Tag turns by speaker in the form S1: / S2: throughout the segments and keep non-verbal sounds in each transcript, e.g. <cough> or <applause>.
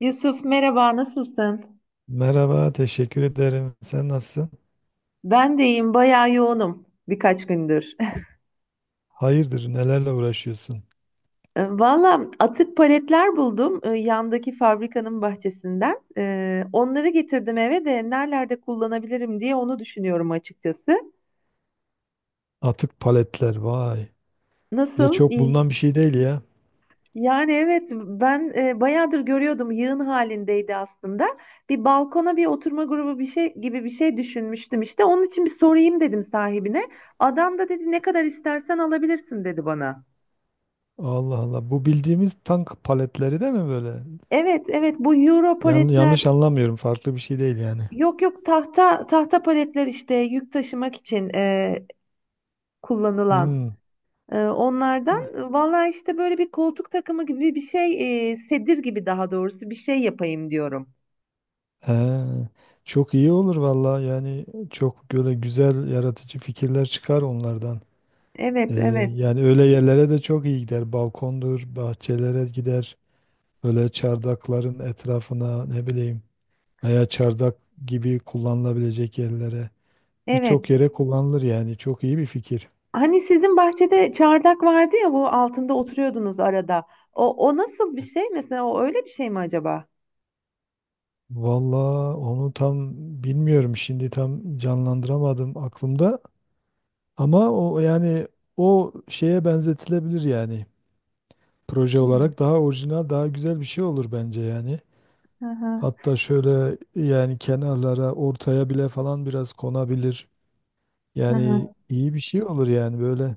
S1: Yusuf, merhaba, nasılsın?
S2: Merhaba, teşekkür ederim. Sen nasılsın?
S1: Ben de iyiyim, bayağı yoğunum birkaç gündür. <laughs>
S2: Hayırdır, nelerle uğraşıyorsun?
S1: Valla, atık paletler buldum, yandaki fabrikanın bahçesinden. Onları getirdim eve de nerelerde kullanabilirim diye onu düşünüyorum açıkçası.
S2: Atık paletler, vay. Böyle
S1: Nasıl?
S2: çok
S1: İyi.
S2: bulunan bir şey değil ya.
S1: Yani evet, ben bayağıdır görüyordum, yığın halindeydi aslında. Bir balkona bir oturma grubu bir şey gibi bir şey düşünmüştüm işte. Onun için bir sorayım dedim sahibine. Adam da dedi ne kadar istersen alabilirsin dedi bana.
S2: Allah Allah. Bu bildiğimiz tank paletleri değil mi böyle?
S1: Evet, evet, bu euro paletler.
S2: Yanlış anlamıyorum. Farklı bir şey değil yani.
S1: Yok, yok, tahta tahta paletler işte, yük taşımak için kullanılan,
S2: Hmm.
S1: onlardan. Valla işte böyle bir koltuk takımı gibi bir şey, sedir gibi daha doğrusu, bir şey yapayım diyorum.
S2: He. Çok iyi olur valla. Yani çok böyle güzel, yaratıcı fikirler çıkar onlardan. Ee,
S1: Evet, evet,
S2: Yani öyle yerlere de çok iyi gider. Balkondur, bahçelere gider. Böyle çardakların etrafına ne bileyim. Veya çardak gibi kullanılabilecek yerlere birçok
S1: evet.
S2: yere kullanılır yani çok iyi bir fikir.
S1: Hani sizin bahçede çardak vardı ya, bu altında oturuyordunuz arada. O, o nasıl bir şey mesela, o öyle bir şey mi acaba?
S2: Valla onu tam bilmiyorum, şimdi tam canlandıramadım aklımda, ama o yani o şeye benzetilebilir yani. Proje
S1: Hmm.
S2: olarak daha orijinal, daha güzel bir şey olur bence yani.
S1: Hı hı,
S2: Hatta şöyle yani kenarlara, ortaya bile falan biraz konabilir.
S1: hı
S2: Yani
S1: hı.
S2: iyi bir şey olur yani böyle.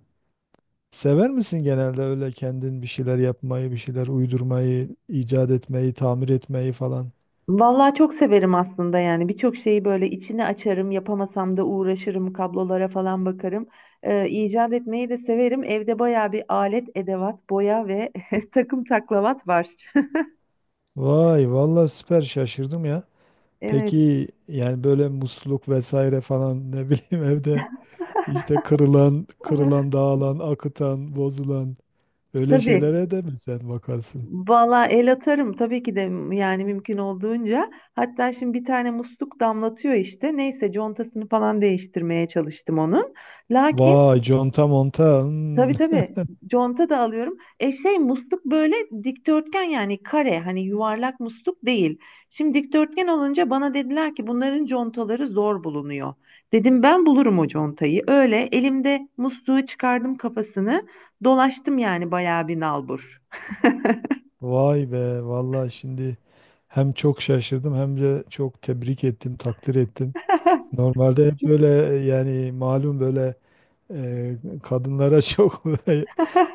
S2: Sever misin genelde öyle kendin bir şeyler yapmayı, bir şeyler uydurmayı, icat etmeyi, tamir etmeyi falan?
S1: Vallahi çok severim aslında, yani birçok şeyi böyle içine açarım, yapamasam da uğraşırım, kablolara falan bakarım. İcat etmeyi de severim, evde bayağı bir alet edevat, boya ve <laughs> takım taklavat var.
S2: Vay, vallahi süper şaşırdım ya.
S1: <laughs> Evet.
S2: Peki yani böyle musluk vesaire falan ne bileyim <laughs> evde işte kırılan, dağılan, akıtan, bozulan öyle
S1: Tabii,
S2: şeylere de mi sen bakarsın?
S1: valla el atarım tabii ki de, yani mümkün olduğunca. Hatta şimdi bir tane musluk damlatıyor işte, neyse contasını falan değiştirmeye çalıştım onun, lakin.
S2: Vay, conta monta. Hmm.
S1: Tabii, tabii. Conta da alıyorum. Musluk böyle dikdörtgen, yani kare, hani yuvarlak musluk değil. Şimdi dikdörtgen olunca bana dediler ki bunların contaları zor bulunuyor. Dedim ben bulurum o contayı. Öyle elimde musluğu çıkardım kafasını. Dolaştım yani bayağı bir nalbur.
S2: Vay be, vallahi şimdi hem çok şaşırdım hem de çok tebrik ettim, takdir ettim. Normalde hep böyle
S1: <laughs>
S2: yani malum böyle e, kadınlara <laughs> çok böyle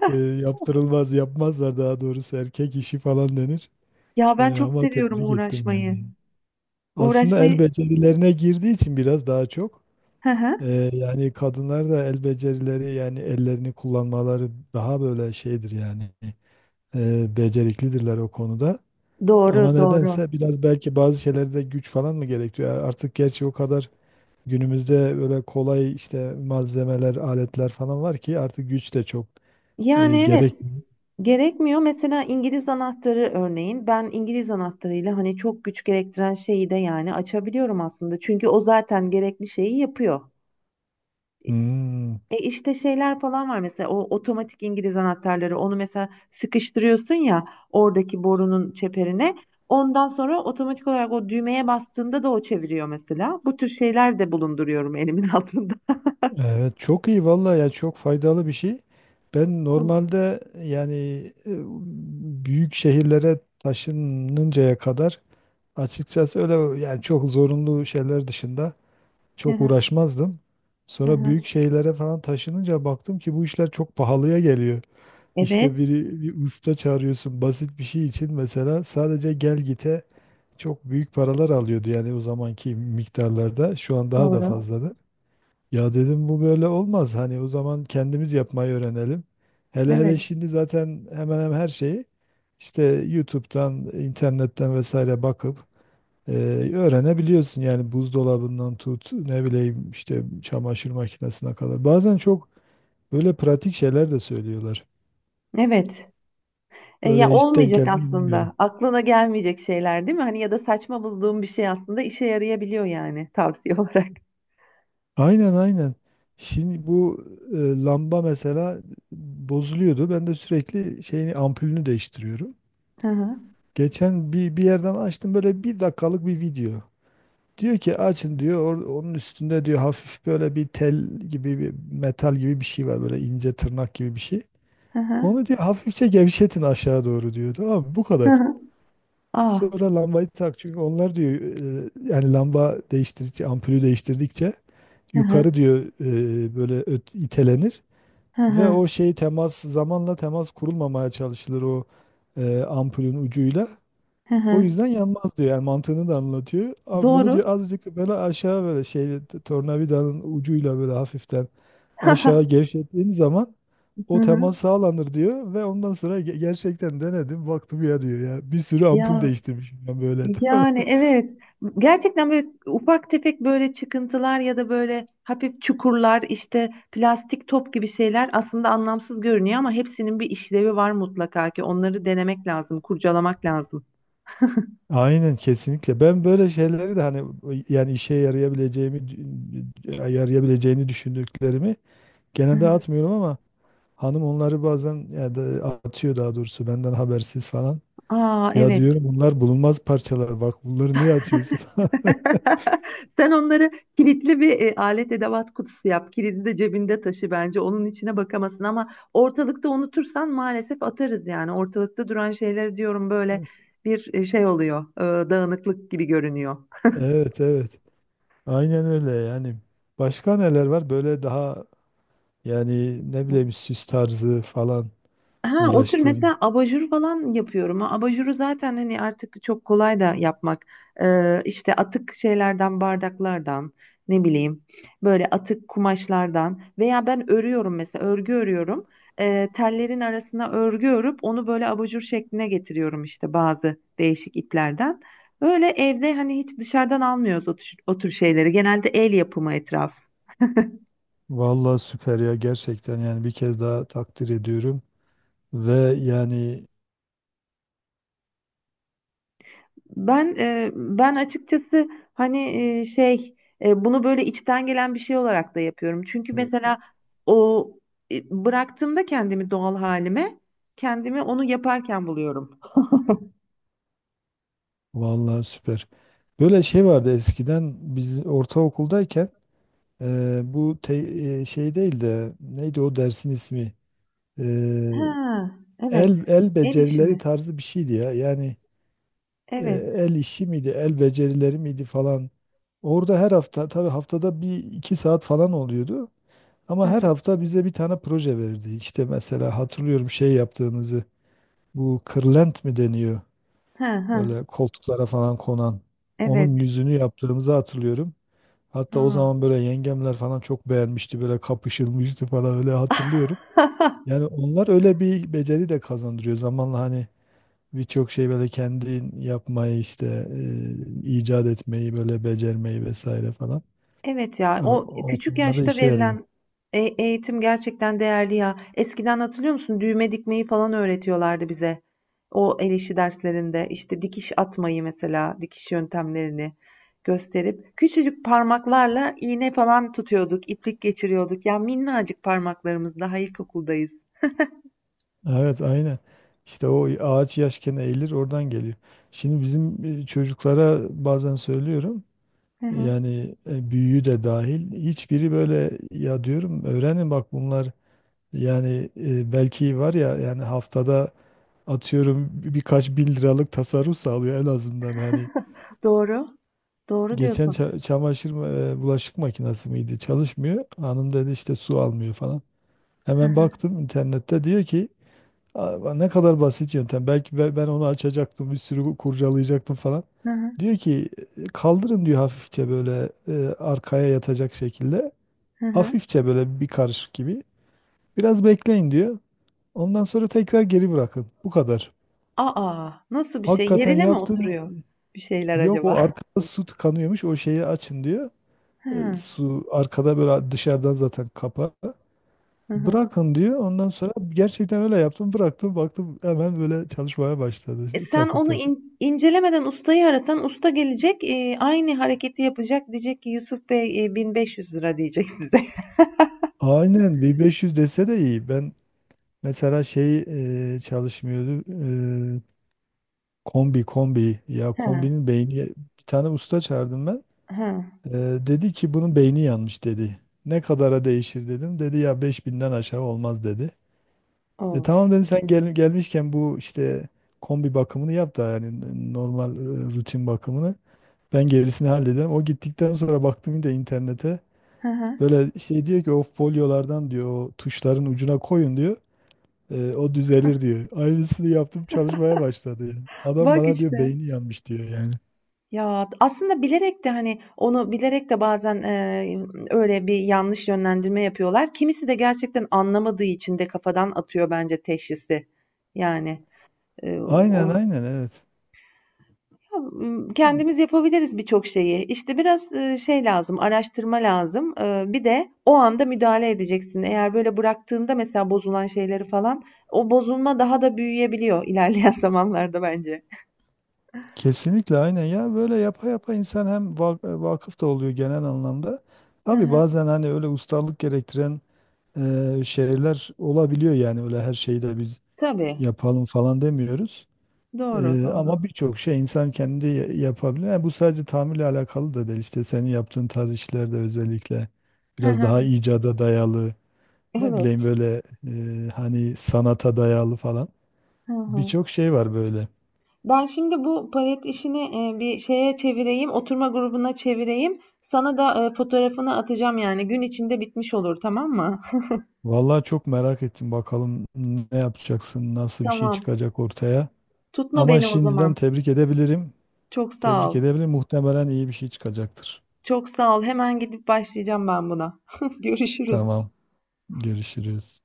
S2: yaptırılmaz, yapmazlar daha doğrusu, erkek işi falan denir.
S1: Ya, ben
S2: E,
S1: çok
S2: ama
S1: seviyorum
S2: tebrik ettim
S1: uğraşmayı.
S2: yani. Aslında el
S1: Uğraşmayı.
S2: becerilerine girdiği için biraz daha çok
S1: Hı hı.
S2: yani kadınlar da el becerileri yani ellerini kullanmaları daha böyle şeydir yani, beceriklidirler o konuda. Ama
S1: Doğru, doğru.
S2: nedense biraz belki bazı şeylerde güç falan mı gerektiriyor? Artık gerçi o kadar günümüzde böyle kolay işte malzemeler, aletler falan var ki artık güç de çok
S1: Yani
S2: gerek.
S1: evet, gerekmiyor. Mesela İngiliz anahtarı örneğin, ben İngiliz anahtarıyla hani çok güç gerektiren şeyi de yani açabiliyorum aslında. Çünkü o zaten gerekli şeyi yapıyor.
S2: Hmm,
S1: E işte şeyler falan var mesela, o otomatik İngiliz anahtarları, onu mesela sıkıştırıyorsun ya, oradaki borunun çeperine. Ondan sonra otomatik olarak o düğmeye bastığında da o çeviriyor mesela. Bu tür şeyler de bulunduruyorum elimin <laughs> altında.
S2: evet çok iyi vallahi ya, çok faydalı bir şey. Ben normalde yani e, büyük şehirlere taşınıncaya kadar açıkçası öyle yani çok zorunlu şeyler dışında
S1: Hı
S2: çok
S1: hı,
S2: uğraşmazdım.
S1: hı
S2: Sonra büyük
S1: hı.
S2: şehirlere falan taşınınca baktım ki bu işler çok pahalıya geliyor.
S1: Evet,
S2: İşte biri bir usta çağırıyorsun basit bir şey için, mesela sadece gel gite çok büyük paralar alıyordu yani, o zamanki miktarlarda. Şu an daha da
S1: doğru.
S2: fazladır. Ya dedim bu böyle olmaz, hani o zaman kendimiz yapmayı öğrenelim. Hele hele
S1: Evet,
S2: şimdi zaten hemen hemen her şeyi işte YouTube'dan, internetten vesaire bakıp e, öğrenebiliyorsun. Yani buzdolabından tut ne bileyim işte çamaşır makinesine kadar. Bazen çok böyle pratik şeyler de söylüyorlar.
S1: evet. E,
S2: Böyle
S1: ya
S2: hiç denk
S1: olmayacak
S2: geldi mi bilmiyorum.
S1: aslında. Aklına gelmeyecek şeyler, değil mi? Hani, ya da saçma bulduğum bir şey aslında işe yarayabiliyor, yani tavsiye <laughs> olarak.
S2: Aynen aynen. Şimdi bu lamba mesela bozuluyordu. Ben de sürekli şeyini, ampulünü değiştiriyorum.
S1: Hı hı.
S2: Geçen bir yerden açtım böyle bir dakikalık bir video. Diyor ki açın diyor, onun üstünde diyor hafif böyle bir tel gibi bir metal gibi bir şey var, böyle ince tırnak gibi bir şey.
S1: Hı hı.
S2: Onu diyor hafifçe gevşetin aşağı doğru diyor. Tamam mı? Bu
S1: Hı
S2: kadar.
S1: hı. Ah.
S2: Sonra lambayı tak, çünkü onlar diyor yani lamba değiştirdikçe, ampulü değiştirdikçe
S1: Hı
S2: yukarı
S1: hı.
S2: diyor böyle itelenir
S1: Hı
S2: ve o
S1: hı.
S2: şey temas, zamanla temas kurulmamaya çalışılır o ampulün ucuyla.
S1: Hı
S2: O
S1: hı.
S2: yüzden yanmaz diyor. Yani mantığını da anlatıyor. Abi bunu
S1: Doğru.
S2: diyor azıcık böyle aşağı, böyle şey tornavidanın ucuyla böyle hafiften aşağı
S1: <laughs>
S2: gevşettiğin zaman
S1: Hı
S2: o
S1: hı.
S2: temas sağlanır diyor, ve ondan sonra gerçekten denedim, baktım. Ya diyor ya, bir sürü ampul
S1: Ya,
S2: değiştirmişim ben böyle.
S1: yani
S2: <laughs>
S1: evet, gerçekten böyle ufak tefek böyle çıkıntılar ya da böyle hafif çukurlar, işte plastik top gibi şeyler, aslında anlamsız görünüyor ama hepsinin bir işlevi var mutlaka ki, onları denemek lazım, kurcalamak lazım. <laughs>
S2: Aynen, kesinlikle. Ben böyle şeyleri de hani, yani işe yarayabileceğini düşündüklerimi genelde atmıyorum, ama hanım onları bazen ya da atıyor, daha doğrusu benden habersiz falan.
S1: Aa,
S2: Ya
S1: evet.
S2: diyorum bunlar bulunmaz parçalar, bak bunları niye atıyorsun <laughs> falan.
S1: <laughs> Sen onları kilitli bir alet edevat kutusu yap. Kilidi de cebinde taşı bence. Onun içine bakamasın, ama ortalıkta unutursan maalesef atarız yani. Ortalıkta duran şeyleri diyorum, böyle bir şey oluyor, dağınıklık gibi görünüyor.
S2: Evet evet. Aynen öyle yani. Başka neler var böyle daha, yani ne bileyim süs tarzı falan
S1: Ha, o tür
S2: uğraştın.
S1: mesela abajur falan yapıyorum. Ha, abajuru zaten hani artık çok kolay da yapmak. İşte atık şeylerden, bardaklardan, ne bileyim, böyle atık kumaşlardan, veya ben örüyorum mesela, örgü örüyorum. Tellerin arasına örgü örüp onu böyle abajur şekline getiriyorum işte, bazı değişik iplerden. Böyle evde hani hiç dışarıdan almıyoruz o tür, o tür şeyleri. Genelde el yapımı etraf.
S2: Vallahi süper ya, gerçekten yani bir kez daha takdir ediyorum. Ve yani
S1: Ben, ben açıkçası hani, e, şey bunu böyle içten gelen bir şey olarak da yapıyorum. Çünkü mesela o e, bıraktığımda kendimi doğal halime, kendimi onu yaparken buluyorum.
S2: vallahi süper. Böyle şey vardı eskiden, biz ortaokuldayken bu şey değil de neydi o dersin ismi? E,
S1: Ha, evet.
S2: el
S1: El
S2: becerileri
S1: işimi.
S2: tarzı bir şeydi ya. Yani e,
S1: Evet.
S2: el işi miydi, el becerileri miydi falan. Orada her hafta tabii, haftada bir iki saat falan oluyordu.
S1: Hı
S2: Ama her
S1: hı.
S2: hafta bize bir tane proje verirdi. İşte mesela hatırlıyorum şey yaptığımızı. Bu kırlent mi deniyor?
S1: Ha, ha,
S2: Böyle koltuklara falan konan.
S1: evet.
S2: Onun yüzünü yaptığımızı hatırlıyorum. Hatta o
S1: Aa.
S2: zaman böyle yengemler falan çok beğenmişti. Böyle kapışılmıştı falan, öyle hatırlıyorum.
S1: <laughs>
S2: Yani onlar öyle bir beceri de kazandırıyor. Zamanla hani birçok şey böyle kendin yapmayı işte icat etmeyi, böyle becermeyi vesaire falan.
S1: Evet ya,
S2: E,
S1: o
S2: o
S1: küçük
S2: konularda
S1: yaşta
S2: işe yarıyor.
S1: verilen eğitim gerçekten değerli ya. Eskiden hatırlıyor musun? Düğme dikmeyi falan öğretiyorlardı bize. O el işi derslerinde işte dikiş atmayı, mesela dikiş yöntemlerini gösterip, küçücük parmaklarla iğne falan tutuyorduk, iplik geçiriyorduk. Ya, minnacık parmaklarımız, daha ilkokuldayız.
S2: Evet aynen. İşte o ağaç yaşken eğilir, oradan geliyor. Şimdi bizim çocuklara bazen söylüyorum.
S1: Hı hı.
S2: Yani büyüğü de dahil hiçbiri böyle. Ya diyorum öğrenin bak, bunlar yani belki var ya, yani haftada atıyorum birkaç 1.000 liralık tasarruf sağlıyor en azından hani.
S1: Doğru. Doğru
S2: Geçen
S1: diyorsun.
S2: çamaşır bulaşık makinesi miydi, çalışmıyor, hanım dedi işte, su almıyor falan.
S1: Hı
S2: Hemen
S1: hı,
S2: baktım internette. Diyor ki "Aa, ne kadar basit yöntem, belki ben onu açacaktım, bir sürü kurcalayacaktım falan.
S1: hı hı.
S2: Diyor ki "E, kaldırın diyor hafifçe böyle arkaya yatacak şekilde.
S1: Hı hı.
S2: Hafifçe böyle bir karışık gibi. Biraz bekleyin diyor. Ondan sonra tekrar geri bırakın. Bu kadar.
S1: Aa, nasıl bir şey?
S2: Hakikaten
S1: Yerine mi
S2: yaptım.
S1: oturuyor bir şeyler
S2: Yok, o
S1: acaba?
S2: arkada su tıkanıyormuş. O şeyi açın diyor.
S1: Hı
S2: E,
S1: hı.
S2: su arkada böyle dışarıdan zaten kapağı. Bırakın diyor. Ondan sonra gerçekten öyle yaptım. Bıraktım, baktım hemen böyle çalışmaya başladı.
S1: E, sen
S2: Takır
S1: onu
S2: takır.
S1: incelemeden ustayı arasan, usta gelecek, aynı hareketi yapacak. Diyecek ki, Yusuf Bey, 1500 lira diyecek size.
S2: Aynen 1500 dese de iyi. Ben mesela şey çalışmıyordu. E, kombi. Ya
S1: <laughs> Ha,
S2: kombinin beyni. Bir tane usta çağırdım ben.
S1: ha,
S2: Ee, dedi ki bunun beyni yanmış dedi. Ne kadara değişir dedim. Dedi ya 5.000'den aşağı olmaz dedi. E
S1: of.
S2: tamam dedim sen gel, gelmişken bu işte kombi bakımını yap da, yani normal rutin bakımını. Ben gerisini hallederim. O gittikten sonra baktım yine de internete.
S1: Hı hı.
S2: Böyle şey diyor ki, o folyolardan diyor o tuşların ucuna koyun diyor. E, o düzelir diyor. Aynısını yaptım, çalışmaya başladı yani. Adam
S1: Bak
S2: bana diyor
S1: işte.
S2: beyni yanmış diyor yani.
S1: Ya, aslında bilerek de, hani onu bilerek de bazen öyle bir yanlış yönlendirme yapıyorlar. Kimisi de gerçekten anlamadığı için de kafadan atıyor bence teşhisi. Yani e,
S2: Aynen
S1: o-
S2: aynen, evet.
S1: Hımm, kendimiz yapabiliriz birçok şeyi. İşte biraz şey lazım, araştırma lazım. Bir de o anda müdahale edeceksin. Eğer böyle bıraktığında mesela bozulan şeyleri falan, o bozulma daha da büyüyebiliyor ilerleyen <laughs> zamanlarda bence.
S2: Kesinlikle aynen ya, böyle yapa yapa insan hem vakıf da oluyor genel anlamda.
S1: Hı
S2: Tabii
S1: hı.
S2: bazen hani öyle ustalık gerektiren şeyler olabiliyor, yani öyle her şeyi de biz
S1: Tabii.
S2: yapalım falan demiyoruz.
S1: Doğru,
S2: E,
S1: doğru.
S2: ama birçok şey insan kendi yapabilir. Yani bu sadece tamirle alakalı da değil, işte senin yaptığın tarz işlerde özellikle
S1: Hı
S2: biraz daha
S1: hı.
S2: icada dayalı, ne bileyim
S1: Evet.
S2: böyle hani sanata dayalı falan
S1: Hı hı.
S2: birçok şey var böyle.
S1: Ben şimdi bu palet işini, bir şeye çevireyim, oturma grubuna çevireyim. Sana da fotoğrafını atacağım yani. Gün içinde bitmiş olur, tamam mı? <laughs>
S2: Vallahi çok merak ettim bakalım ne yapacaksın, nasıl bir şey
S1: Tamam.
S2: çıkacak ortaya.
S1: Tutma
S2: Ama
S1: beni o
S2: şimdiden
S1: zaman.
S2: tebrik edebilirim.
S1: Çok sağ
S2: Tebrik
S1: ol.
S2: edebilirim. Muhtemelen iyi bir şey çıkacaktır.
S1: Çok sağ ol. Hemen gidip başlayacağım ben buna. <laughs> Görüşürüz.
S2: Tamam, görüşürüz.